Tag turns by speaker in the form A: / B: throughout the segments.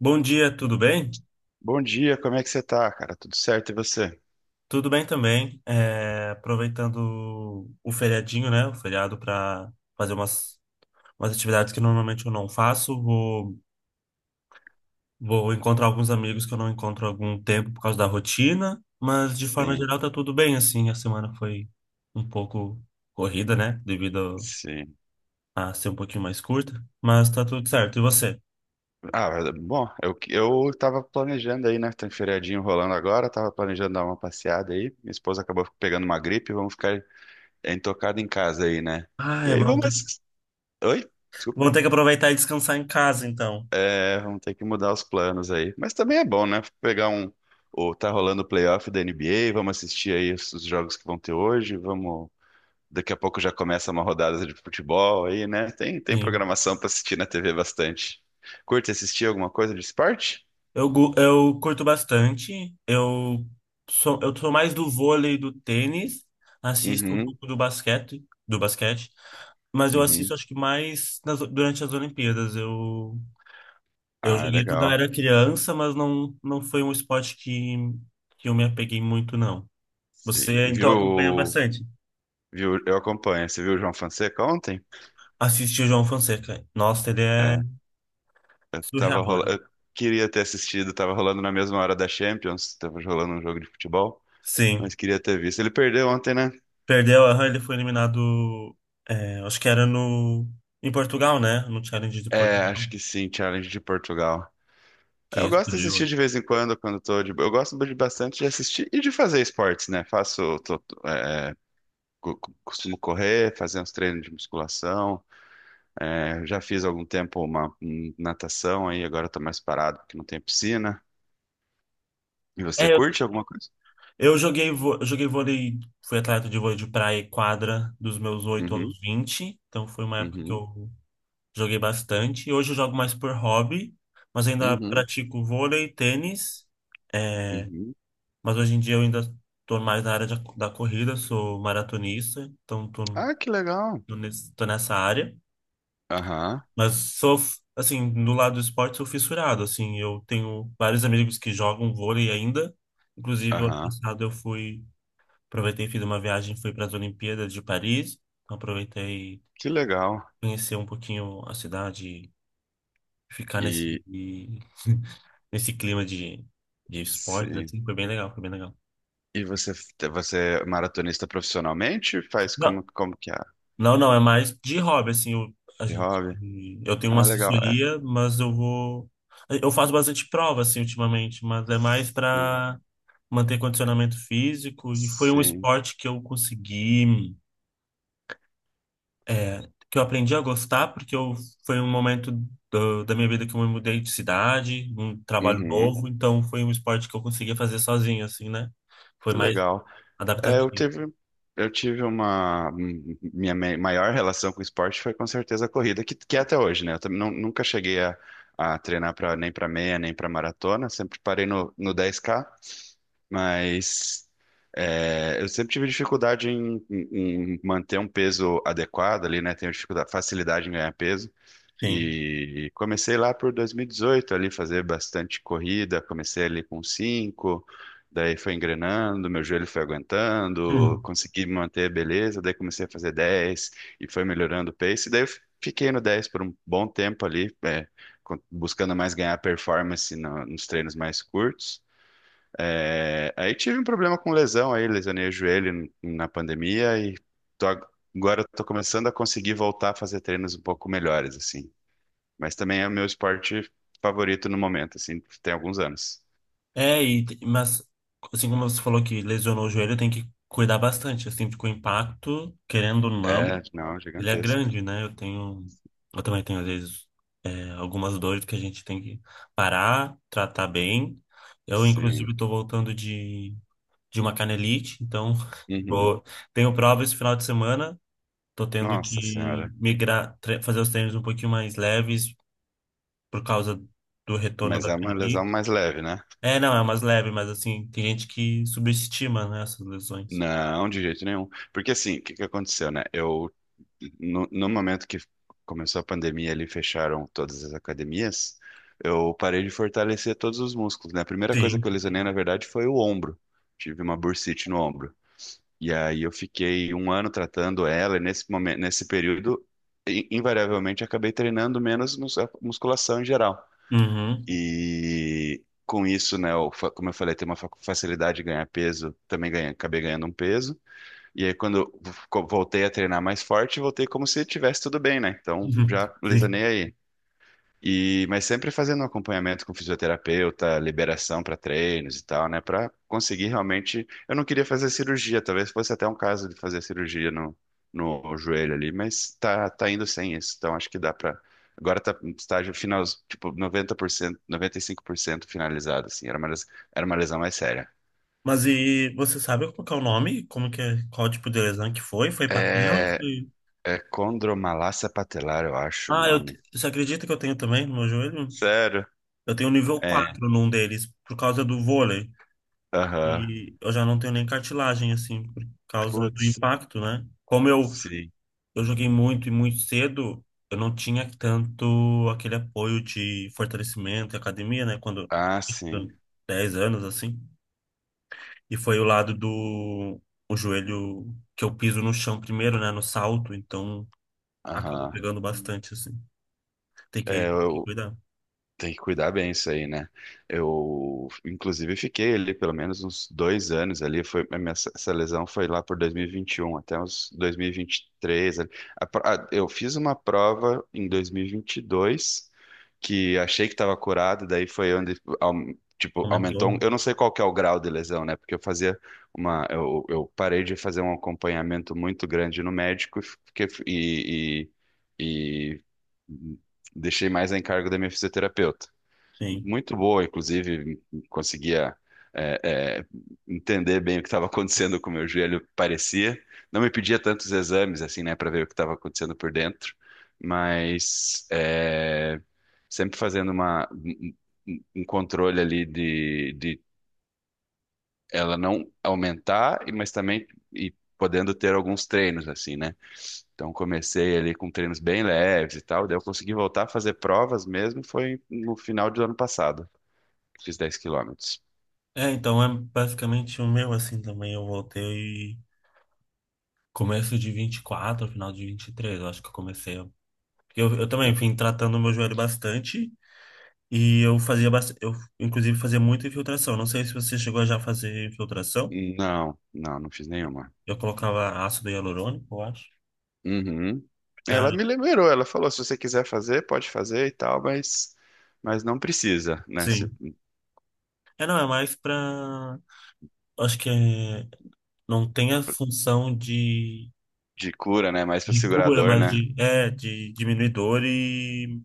A: Bom dia, tudo bem?
B: Bom dia, como é que você tá, cara? Tudo certo e você?
A: Tudo bem também. Aproveitando o feriadinho, né? O feriado para fazer umas atividades que normalmente eu não faço. Vou encontrar alguns amigos que eu não encontro há algum tempo por causa da rotina, mas de forma
B: Sim,
A: geral tá tudo bem, assim. A semana foi um pouco corrida, né? Devido
B: sim.
A: a ser um pouquinho mais curta, mas tá tudo certo. E você?
B: Ah, é, bom, eu tava planejando aí, né? Tem feriadinho rolando agora, tava planejando dar uma passeada aí. Minha esposa acabou pegando uma gripe, vamos ficar entocado em casa aí, né? E
A: Ah,
B: aí vamos. Oi? Desculpa.
A: vamos ter que aproveitar e descansar em casa, então.
B: É, vamos ter que mudar os planos aí. Mas também é bom, né? Pegar um. O, tá rolando o playoff da NBA, vamos assistir aí os jogos que vão ter hoje, vamos Daqui a pouco já começa uma rodada de futebol aí, né? Tem
A: Sim.
B: programação para assistir na TV bastante. Curte assistir alguma coisa de esporte?
A: Eu curto bastante. Eu sou mais do vôlei e do tênis. Assisto um
B: Uhum,
A: pouco do basquete, mas eu assisto
B: uhum.
A: acho que durante as Olimpíadas. Eu
B: Ah, é
A: joguei quando eu
B: legal.
A: era criança, mas não foi um esporte que eu me apeguei muito, não.
B: Sim.
A: Você então acompanha
B: Viu,
A: bastante.
B: viu, eu acompanho. Você viu o João Fonseca ontem?
A: Assiste o João Fonseca. Nossa, ele é
B: É,
A: surreal, né?
B: eu queria ter assistido, tava rolando na mesma hora da Champions, tava rolando um jogo de futebol,
A: Sim.
B: mas queria ter visto. Ele perdeu ontem, né?
A: Perdeu, aham, ele foi eliminado, é, acho que era em Portugal, né? No Challenge de
B: É,
A: Portugal,
B: acho que sim, Challenge de Portugal.
A: que
B: Eu gosto de
A: explodiu,
B: assistir de
A: acho.
B: vez em quando, quando tô de... Eu gosto de bastante de assistir e de fazer esportes, né? Faço, tô- tô, é, co- co- costumo correr, fazer uns treinos de musculação. É, já fiz há algum tempo uma natação aí, agora eu tô mais parado porque não tem piscina. E você
A: É, eu,
B: curte alguma coisa?
A: eu eu joguei vôlei, fui atleta de vôlei de praia e quadra dos meus oito
B: Uhum,
A: aos vinte, então foi uma época que
B: uhum,
A: eu joguei bastante. Hoje eu jogo mais por hobby, mas ainda
B: uhum,
A: pratico vôlei, tênis,
B: uhum.
A: mas hoje em dia eu ainda tô mais da corrida, sou maratonista, então
B: Ah, que legal.
A: tô nessa área.
B: Aham,
A: Mas sou, assim, no lado do esporte, sou fissurado, assim. Eu tenho vários amigos que jogam vôlei ainda. Inclusive, o ano
B: aham.
A: passado aproveitei, fiz uma viagem, fui para as Olimpíadas de Paris. Então, aproveitei
B: Que legal.
A: conhecer um pouquinho a cidade, ficar
B: E
A: nesse clima de esportes,
B: sim.
A: assim. Foi bem legal, foi bem legal.
B: E você é maratonista profissionalmente? Faz
A: Não,
B: como que é?
A: não, não, é mais de hobby, assim. A
B: De
A: gente,
B: hobby?
A: eu tenho uma
B: Ah, legal. É,
A: assessoria, mas eu vou... Eu faço bastante prova, assim, ultimamente, mas é mais
B: sim,
A: para manter condicionamento físico, e foi um
B: sim.
A: esporte que eu é, que eu aprendi a gostar foi um momento da minha vida que eu me mudei de cidade, um trabalho
B: Uhum,
A: novo, então foi um esporte que eu conseguia fazer sozinho, assim, né? Foi
B: que
A: mais
B: legal. É,
A: adaptativo.
B: eu tive uma. M- Minha maior relação com o esporte foi com certeza a corrida, que é até hoje, né? Eu também nunca cheguei a, treinar pra, nem para meia, nem para maratona, sempre parei no, no 10K, mas é, eu sempre tive dificuldade em manter um peso adequado ali, né? Tenho dificuldade, facilidade em ganhar peso.
A: Sim.
B: E comecei lá por 2018 ali fazer bastante corrida, comecei ali com 5, daí foi engrenando, meu joelho foi aguentando,
A: Hum.
B: consegui manter a beleza, daí comecei a fazer 10 e foi melhorando o pace, daí fiquei no 10 por um bom tempo ali, é, buscando mais ganhar performance nos treinos mais curtos. É, aí tive um problema com lesão aí, lesionei o joelho na pandemia e tô ag- agora estou começando a conseguir voltar a fazer treinos um pouco melhores assim. Mas também é o meu esporte favorito no momento, assim, tem alguns anos.
A: Mas assim como você falou que lesionou o joelho, tem que cuidar bastante, assim, porque o impacto, querendo ou
B: É,
A: não,
B: não,
A: ele é
B: gigantesco.
A: grande, né? Eu tenho. Eu também tenho, às vezes, é, algumas dores que a gente tem que parar, tratar bem. Eu,
B: Sim.
A: inclusive, estou voltando de uma canelite, então
B: Uhum.
A: vou- tenho prova esse final de semana. Estou tendo
B: Nossa
A: que
B: Senhora.
A: migrar, fazer os treinos um pouquinho mais leves por causa do retorno
B: Mas
A: da
B: é uma lesão
A: canelite.
B: mais leve, né?
A: É, não, é umas leves, mas assim, tem gente que subestima, né, essas lesões.
B: Não, de jeito nenhum. Porque assim, o que que aconteceu, né? Eu, no, no momento que começou a pandemia ali, fecharam todas as academias, eu parei de fortalecer todos os músculos, né? A primeira coisa
A: Sim.
B: que eu lesionei, na verdade, foi o ombro. Tive uma bursite no ombro. E aí eu fiquei um ano tratando ela, e nesse momento, nesse período, invariavelmente acabei treinando menos musculação em geral.
A: Uhum.
B: E com isso, né, como eu falei, tem uma facilidade de ganhar peso, também ganhei, acabei ganhando um peso. E aí quando eu voltei a treinar mais forte, voltei como se tivesse tudo bem, né? Então já
A: Sim.
B: lesanei aí. E, mas sempre fazendo um acompanhamento com fisioterapeuta, liberação para treinos e tal, né? Para conseguir realmente. Eu não queria fazer cirurgia, talvez fosse até um caso de fazer cirurgia no joelho ali, mas tá indo sem isso. Então acho que dá para. Agora tá no estágio final, tipo 90%, 95% finalizado, assim. Era uma lesão mais séria.
A: Mas e você sabe como que é o nome? Como que é, qual tipo de lesão que foi? Foi patela?
B: É,
A: Foi...
B: é condromalácia patelar, eu acho o
A: Ah,
B: nome.
A: você acredita que eu tenho também no meu joelho?
B: Sério?
A: Eu tenho nível
B: É.
A: 4 num deles, por causa do vôlei.
B: Aham.
A: E eu já não tenho nem cartilagem, assim, por causa do
B: Putz,
A: impacto, né?
B: sim.
A: Eu joguei muito e muito cedo, eu não tinha tanto aquele apoio de fortalecimento e academia, né? Quando eu
B: Ah, sim.
A: tinha 10 anos, assim. E foi o lado do o joelho que eu piso no chão primeiro, né? No salto, então acabou
B: Aham.
A: pegando bastante, assim.
B: É,
A: Tem que
B: eu
A: cuidar.
B: tenho que cuidar bem isso aí, né? Eu, inclusive, fiquei ali pelo menos uns 2 anos ali. Foi, a minha, essa lesão foi lá por dois mil e vinte e um até uns 2023. Ali. Eu fiz uma prova em dois mil e vinte e dois que achei que estava curado, daí foi onde,
A: Aumentou,
B: aumentou. Eu não sei qual que é o grau de lesão, né? Porque eu parei de fazer um acompanhamento muito grande no médico ee- deixei mais a encargo da minha fisioterapeuta.
A: sim.
B: Muito boa, inclusive, conseguia é, é, entender bem o que estava acontecendo com o meu joelho, parecia. Não me pedia tantos exames, assim, né, para ver o que estava acontecendo por dentro, mas é, sempre fazendo um controle ali de ela não aumentar, mas também podendo ter alguns treinos, assim, né? Então comecei ali com treinos bem leves e tal, daí eu consegui voltar a fazer provas mesmo, foi no final do ano passado, fiz 10 quilômetros.
A: É, então é basicamente o meu, assim, também. Eu voltei começo de vinte e quatro, final de 23, eu acho que eu comecei. Porque eu também
B: E-
A: vim tratando o meu joelho bastante. E eu fazia bastante, eu inclusive fazia muita infiltração. Não sei se você chegou a já fazer infiltração.
B: Não, não, não fiz nenhuma.
A: Eu colocava ácido hialurônico, eu acho.
B: Uhum.
A: Que é,
B: Ela me lembrou, ela falou, se você quiser fazer, pode fazer e tal, mas, não precisa, né?
A: sim. É, não, é mais pra. Acho que é, não tem a função
B: De cura, né? Mais para
A: de cura,
B: segurador,
A: mas
B: né?
A: de diminuir dor e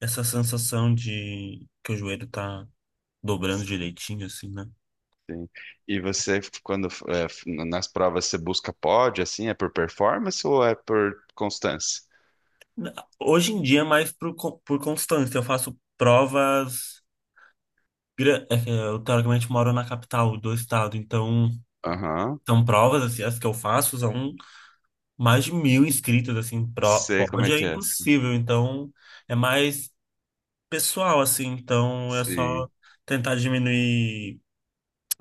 A: essa sensação de que o joelho tá dobrando direitinho, assim, né?
B: E você, quando é, nas provas, você busca pódio, assim, é por performance ou é por constância?
A: Na- Hoje em dia é mais por constância. Eu faço provas. Gra- é que Eu, teoricamente, moro na capital do estado, então
B: Aham.
A: são provas, assim, as que eu faço são mais de mil inscritos, assim, pro,
B: Sei como é
A: pódio é
B: que é. Sim,
A: impossível, então é mais. Pessoal, assim, então é
B: sim,
A: só tentar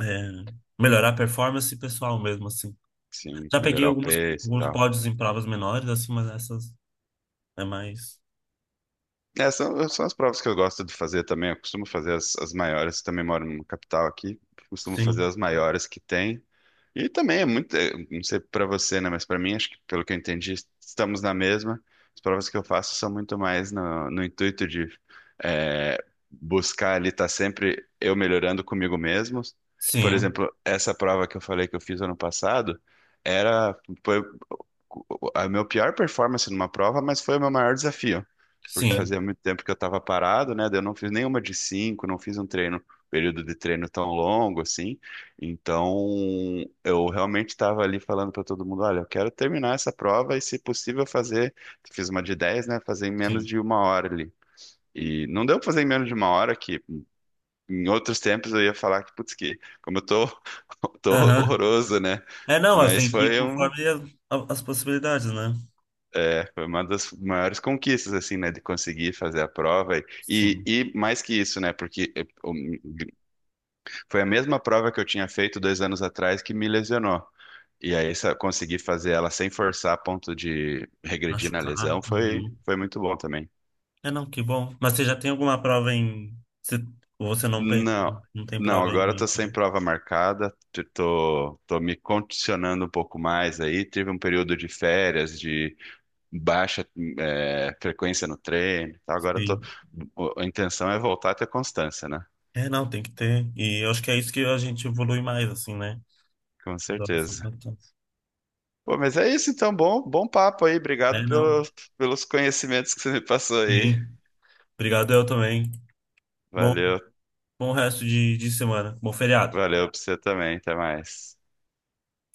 A: é, melhorar a performance pessoal mesmo, assim.
B: sim,
A: Já peguei
B: melhorar o
A: algumas,
B: pace e
A: alguns
B: tal.
A: pódios em provas menores, assim, mas essas é mais.
B: É, são as provas que eu gosto de fazer também. Eu costumo fazer as maiores, também moro numa capital aqui. Costumo fazer
A: Sim,
B: as maiores que tem. E também é muito, não sei pra você, né, mas pra mim, acho que pelo que eu entendi, estamos na mesma. As provas que eu faço são muito mais no intuito de é, buscar ali estar sempre eu melhorando comigo mesmo. Por
A: sim,
B: exemplo, essa prova que eu falei que eu fiz ano passado era, foi a minha pior performance numa prova, mas foi o meu maior desafio. Porque
A: sim,
B: fazia muito tempo que eu estava parado, né? Daí eu não fiz nenhuma de cinco, não fiz um treino, período de treino tão longo assim. Então, eu realmente estava ali falando para todo mundo: olha, eu quero terminar essa prova e, se possível, fazer. Fiz uma de dez, né? Fazer em menos
A: sim.
B: de uma hora ali. E não deu pra fazer em menos de uma hora, que em outros tempos eu ia falar que, putz, que como eu tô, tô
A: Aham.
B: horroroso, né?
A: É, não, elas
B: Mas
A: têm que ir
B: foi um
A: conforme as possibilidades, né?
B: É, foi uma das maiores conquistas, assim, né, de conseguir fazer a prova. E,
A: Sim.
B: e mais que isso, né, porque foi a mesma prova que eu tinha feito 2 anos atrás que me lesionou. E aí, conseguir fazer ela sem forçar a ponto de regredir na
A: Machucar.
B: lesão foi,
A: Uhum.
B: foi muito bom também.
A: É, não, que bom. Mas você já tem alguma prova em. Você, ou você não pensa,
B: Não,
A: não tem
B: não,
A: prova em
B: agora eu tô
A: mente,
B: sem
A: né?
B: prova marcada, tô me condicionando um pouco mais aí. Tive um período de férias, de baixa frequência no treino. E agora
A: Sim.
B: a intenção é voltar a ter constância, né?
A: É, não, tem que ter. E eu acho que é isso que a gente evolui mais, assim, né?
B: Com
A: Dá essa
B: certeza.
A: importância.
B: Pô, mas é isso então, bom, bom papo aí. Obrigado
A: É,
B: pelo,
A: não.
B: pelos conhecimentos que você me passou aí.
A: Sim. Obrigado, eu também. Bom,
B: Valeu,
A: bom resto de semana. Bom feriado.
B: valeu pra você também. Até mais.